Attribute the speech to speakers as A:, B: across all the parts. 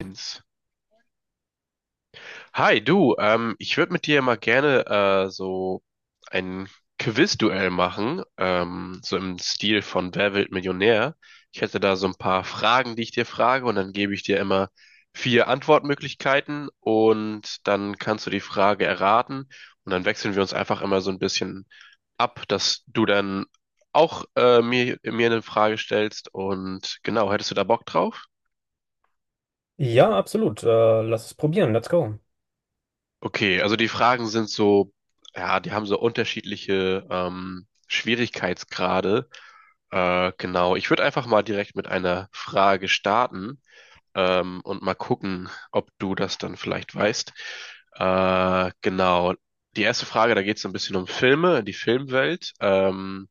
A: Eins. Hi, du, ich würde mit dir mal gerne so ein Quizduell machen, so im Stil von Wer wird Millionär. Ich hätte da so ein paar Fragen, die ich dir frage, und dann gebe ich dir immer vier Antwortmöglichkeiten und dann kannst du die Frage erraten und dann wechseln wir uns einfach immer so ein bisschen ab, dass du dann auch mir eine Frage stellst und genau, hättest du da Bock drauf?
B: Ja, absolut. Lass es probieren. Let's go.
A: Okay, also die Fragen sind so, ja, die haben so unterschiedliche Schwierigkeitsgrade. Genau, ich würde einfach mal direkt mit einer Frage starten, und mal gucken, ob du das dann vielleicht weißt. Genau, die erste Frage, da geht es so ein bisschen um Filme, die Filmwelt.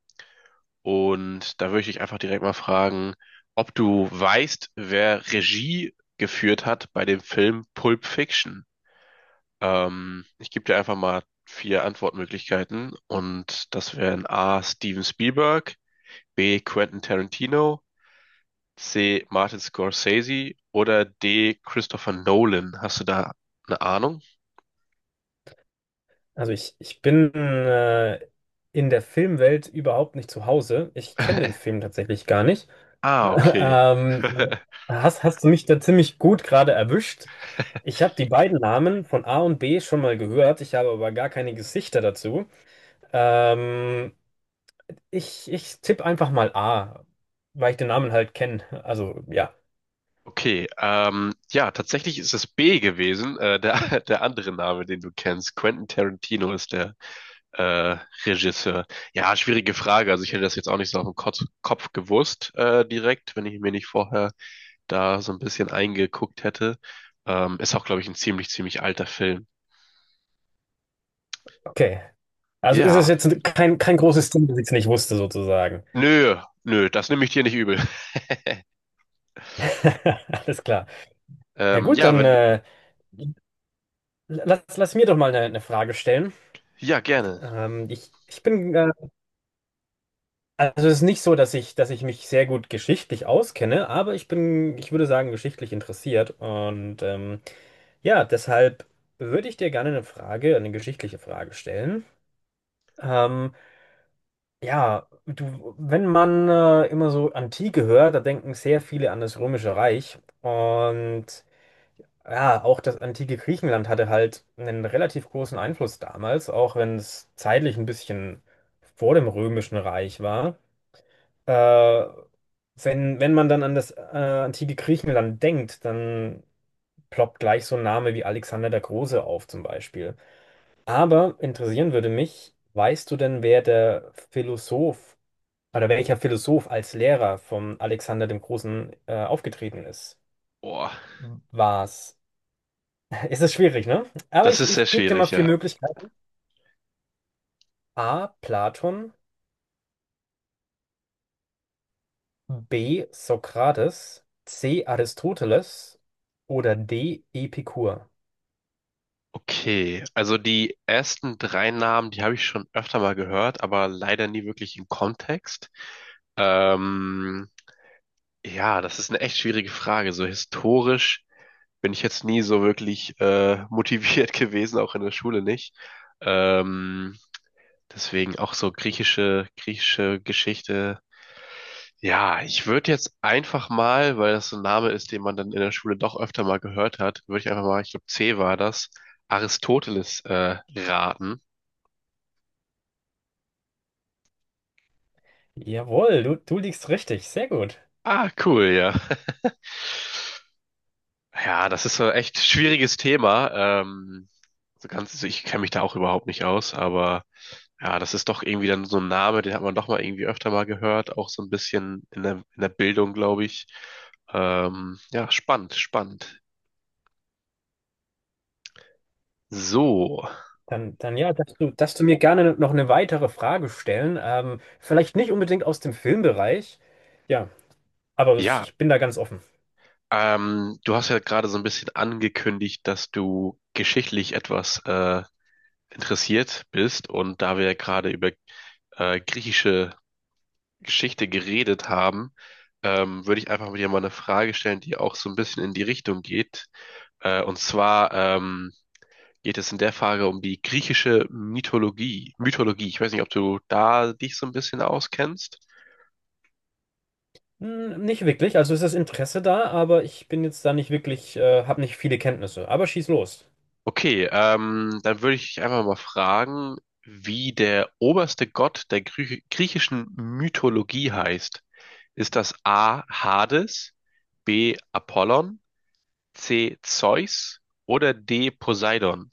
A: Und da würde ich dich einfach direkt mal fragen, ob du weißt, wer Regie geführt hat bei dem Film Pulp Fiction. Ich gebe dir einfach mal vier Antwortmöglichkeiten und das wären A. Steven Spielberg, B. Quentin Tarantino, C. Martin Scorsese oder D. Christopher Nolan. Hast du da eine Ahnung?
B: Also ich bin in der Filmwelt überhaupt nicht zu Hause. Ich kenne den Film tatsächlich gar nicht.
A: Ah, okay.
B: Ähm, hast du mich da ziemlich gut gerade erwischt? Ich habe die beiden Namen von A und B schon mal gehört. Ich habe aber gar keine Gesichter dazu. Ähm, ich tippe einfach mal A, weil ich den Namen halt kenne. Also ja,
A: Okay, ja, tatsächlich ist es B gewesen, der, der andere Name, den du kennst. Quentin Tarantino ist der äh, Regisseur. Ja, schwierige Frage. Also ich hätte das jetzt auch nicht so auf den Kopf gewusst, direkt, wenn ich mir nicht vorher da so ein bisschen eingeguckt hätte. Ist auch, glaube ich, ein ziemlich, ziemlich alter Film.
B: okay. Also ist es
A: Ja,
B: jetzt kein, großes Ding, dass ich es nicht wusste, sozusagen.
A: nö, nö, das nehme ich dir nicht übel.
B: Alles klar. Ja gut,
A: Ja,
B: dann
A: wenn du,
B: lass mir doch mal eine, Frage stellen.
A: ja, gerne.
B: Ähm, ich, ich bin, äh, also es ist nicht so, dass ich mich sehr gut geschichtlich auskenne, aber ich würde sagen, geschichtlich interessiert. Und ja, deshalb würde ich dir gerne eine geschichtliche Frage stellen. Ähm, ja, wenn man immer so Antike hört, da denken sehr viele an das Römische Reich. Und ja, auch das antike Griechenland hatte halt einen relativ großen Einfluss damals, auch wenn es zeitlich ein bisschen vor dem Römischen Reich war. Äh, wenn man dann an das antike Griechenland denkt, dann ploppt gleich so ein Name wie Alexander der Große auf zum Beispiel. Aber interessieren würde mich, weißt du denn, wer der Philosoph oder welcher Philosoph als Lehrer von Alexander dem Großen aufgetreten ist?
A: Boah,
B: War es Es ist schwierig, ne? Aber
A: das
B: ich,
A: ist sehr
B: ich gebe dir mal
A: schwierig,
B: vier
A: ja.
B: Möglichkeiten. A. Platon, B. Sokrates, C. Aristoteles oder D. Epikur.
A: Okay, also die ersten drei Namen, die habe ich schon öfter mal gehört, aber leider nie wirklich im Kontext. Ähm, ja, das ist eine echt schwierige Frage. So historisch bin ich jetzt nie so wirklich motiviert gewesen, auch in der Schule nicht. Ähm, Deswegen auch so griechische, griechische Geschichte. Ja, ich würde jetzt einfach mal, weil das so ein Name ist, den man dann in der Schule doch öfter mal gehört hat, würde ich einfach mal, ich glaube C war das, Aristoteles raten.
B: Jawohl, du liegst richtig. Sehr gut.
A: Ah, cool, ja. Ja, das ist so ein echt schwieriges Thema. So ganz, also ich kenne mich da auch überhaupt nicht aus, aber ja, das ist doch irgendwie dann so ein Name, den hat man doch mal irgendwie öfter mal gehört, auch so ein bisschen in der Bildung, glaube ich. Ja, spannend, spannend. So,
B: Dann ja, darfst du mir gerne noch eine weitere Frage stellen. Vielleicht nicht unbedingt aus dem Filmbereich. Ja, aber
A: ja,
B: ich bin da ganz offen.
A: du hast ja gerade so ein bisschen angekündigt, dass du geschichtlich etwas interessiert bist und da wir ja gerade über griechische Geschichte geredet haben, würde ich einfach mit dir mal eine Frage stellen, die auch so ein bisschen in die Richtung geht. Und zwar, geht es in der Frage um die griechische Mythologie. Mythologie, ich weiß nicht, ob du da dich so ein bisschen auskennst.
B: Hm, nicht wirklich. Also ist das Interesse da, aber ich bin jetzt da nicht wirklich, habe nicht viele Kenntnisse. Aber schieß los.
A: Okay, dann würde ich dich einfach mal fragen, wie der oberste Gott der Grü griechischen Mythologie heißt. Ist das A. Hades, B. Apollon, C. Zeus oder D. Poseidon?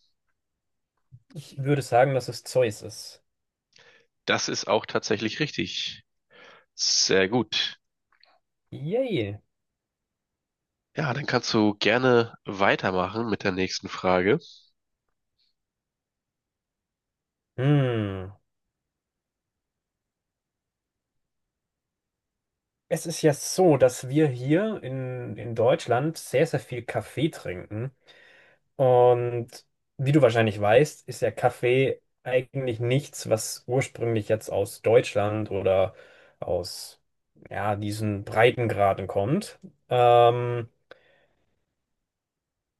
B: Ich würde sagen, dass es Zeus ist.
A: Das ist auch tatsächlich richtig. Sehr gut.
B: Yay.
A: Ja, dann kannst du gerne weitermachen mit der nächsten Frage.
B: Hm. Es ist ja so, dass wir hier in Deutschland sehr, sehr viel Kaffee trinken. Und wie du wahrscheinlich weißt, ist ja Kaffee eigentlich nichts, was ursprünglich jetzt aus Deutschland oder aus, ja, diesen Breitengraden kommt. Ähm,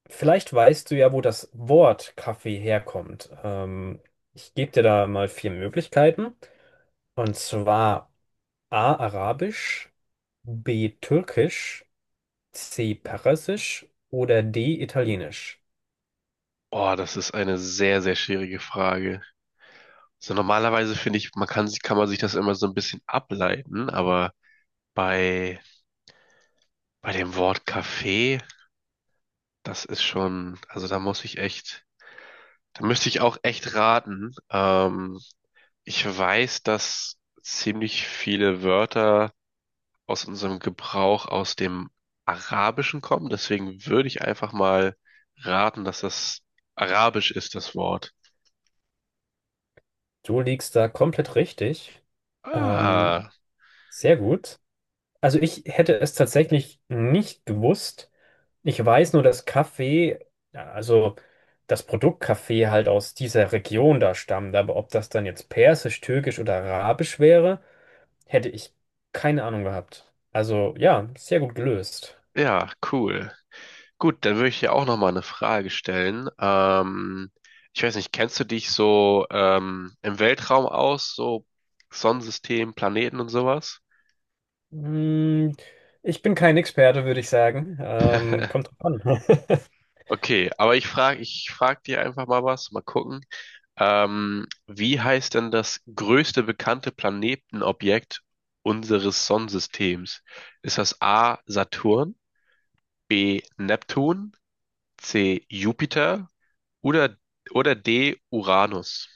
B: vielleicht weißt du ja, wo das Wort Kaffee herkommt. Ich gebe dir da mal vier Möglichkeiten. Und zwar: A. Arabisch, B. Türkisch, C. Persisch oder D. Italienisch.
A: Oh, das ist eine sehr, sehr schwierige Frage. So normalerweise finde ich, kann man sich das immer so ein bisschen ableiten, aber bei, bei dem Wort Kaffee, das ist schon, also da muss ich echt, da müsste ich auch echt raten. Ich weiß, dass ziemlich viele Wörter aus unserem Gebrauch aus dem Arabischen kommen, deswegen würde ich einfach mal raten, dass das Arabisch ist, das Wort.
B: Du liegst da komplett richtig. Ähm,
A: Ah,
B: sehr gut. Also ich hätte es tatsächlich nicht gewusst. Ich weiß nur, dass Kaffee, ja, also das Produkt Kaffee halt aus dieser Region da stammt. Aber ob das dann jetzt Persisch, Türkisch oder Arabisch wäre, hätte ich keine Ahnung gehabt. Also ja, sehr gut gelöst.
A: ja, cool. Gut, dann würde ich dir auch nochmal eine Frage stellen. Ich weiß nicht, kennst du dich so im Weltraum aus, so Sonnensystem, Planeten und sowas?
B: Mm, Ich bin kein Experte, würde ich sagen. Kommt drauf an.
A: Okay, aber ich frag dir einfach mal was, mal gucken. Wie heißt denn das größte bekannte Planetenobjekt unseres Sonnensystems? Ist das A. Saturn, B. Neptun, C. Jupiter oder, oder D. Uranus?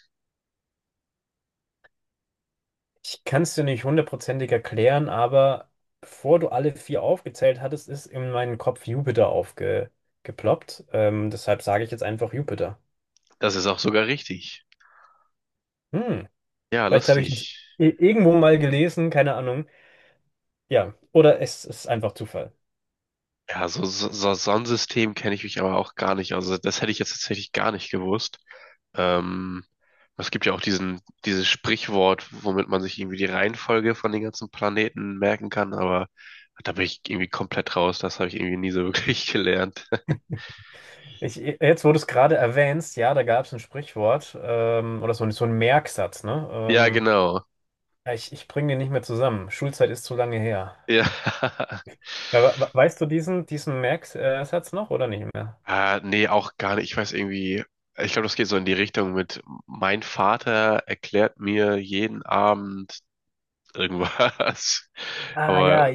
B: Ich kann es dir nicht hundertprozentig erklären, aber bevor du alle vier aufgezählt hattest, ist in meinen Kopf Jupiter aufgeploppt. Deshalb sage ich jetzt einfach Jupiter.
A: Das ist auch sogar richtig.
B: Hm,
A: Ja,
B: vielleicht habe ich das
A: lustig.
B: irgendwo mal gelesen, keine Ahnung. Ja, oder es ist einfach Zufall.
A: Ja, so, so, so Sonnensystem kenne ich mich aber auch gar nicht. Also das hätte ich jetzt tatsächlich gar nicht gewusst. Ähm, Es gibt ja auch dieses Sprichwort, womit man sich irgendwie die Reihenfolge von den ganzen Planeten merken kann, aber da bin ich irgendwie komplett raus. Das habe ich irgendwie nie so wirklich gelernt.
B: Jetzt, wo du es gerade erwähnst, ja, da gab es ein Sprichwort, oder so, so ein Merksatz, ne?
A: Ja, genau.
B: Ja, ich bringe den nicht mehr zusammen. Schulzeit ist zu lange her.
A: Ja.
B: Ja, weißt du diesen, Merksatz noch oder nicht mehr?
A: Nee, auch gar nicht. Ich weiß irgendwie, ich glaube, das geht so in die Richtung mit, mein Vater erklärt mir jeden Abend irgendwas.
B: Ah
A: Aber
B: ja,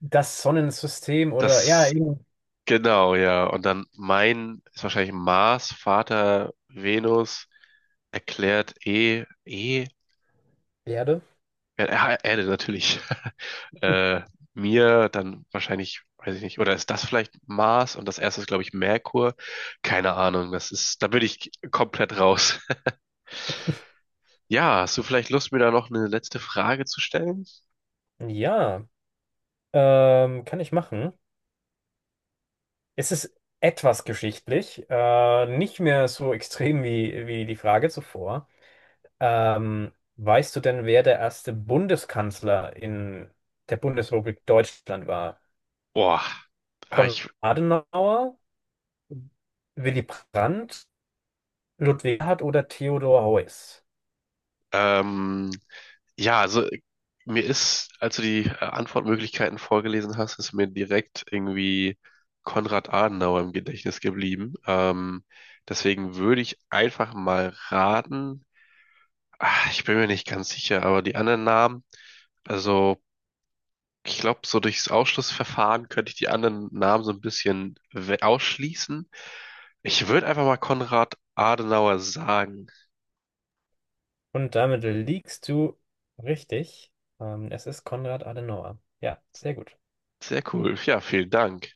B: das Sonnensystem oder, ja,
A: das,
B: eben
A: genau, ja. Und dann mein ist wahrscheinlich Mars, Vater, Venus, erklärt
B: Erde.
A: ja, Erde natürlich. Äh, Mir dann wahrscheinlich, weiß ich nicht, oder ist das vielleicht Mars und das erste ist, glaube ich, Merkur? Keine Ahnung, das ist, da bin ich komplett raus. Ja, hast du vielleicht Lust, mir da noch eine letzte Frage zu stellen?
B: Ja, kann ich machen. Es ist etwas geschichtlich, nicht mehr so extrem wie die Frage zuvor. Weißt du denn, wer der erste Bundeskanzler in der Bundesrepublik Deutschland war?
A: Boah, ah,
B: Konrad
A: ich,
B: Adenauer, Willy Brandt, Ludwig Erhard oder Theodor Heuss?
A: Ähm, ja, also mir ist, als du die Antwortmöglichkeiten vorgelesen hast, ist mir direkt irgendwie Konrad Adenauer im Gedächtnis geblieben. Deswegen würde ich einfach mal raten. Ah, ich bin mir nicht ganz sicher, aber die anderen Namen, also ich glaube, so durchs Ausschlussverfahren könnte ich die anderen Namen so ein bisschen ausschließen. Ich würde einfach mal Konrad Adenauer sagen.
B: Und damit liegst du richtig. Es ist Konrad Adenauer. Ja, sehr gut.
A: Sehr cool. Ja, vielen Dank.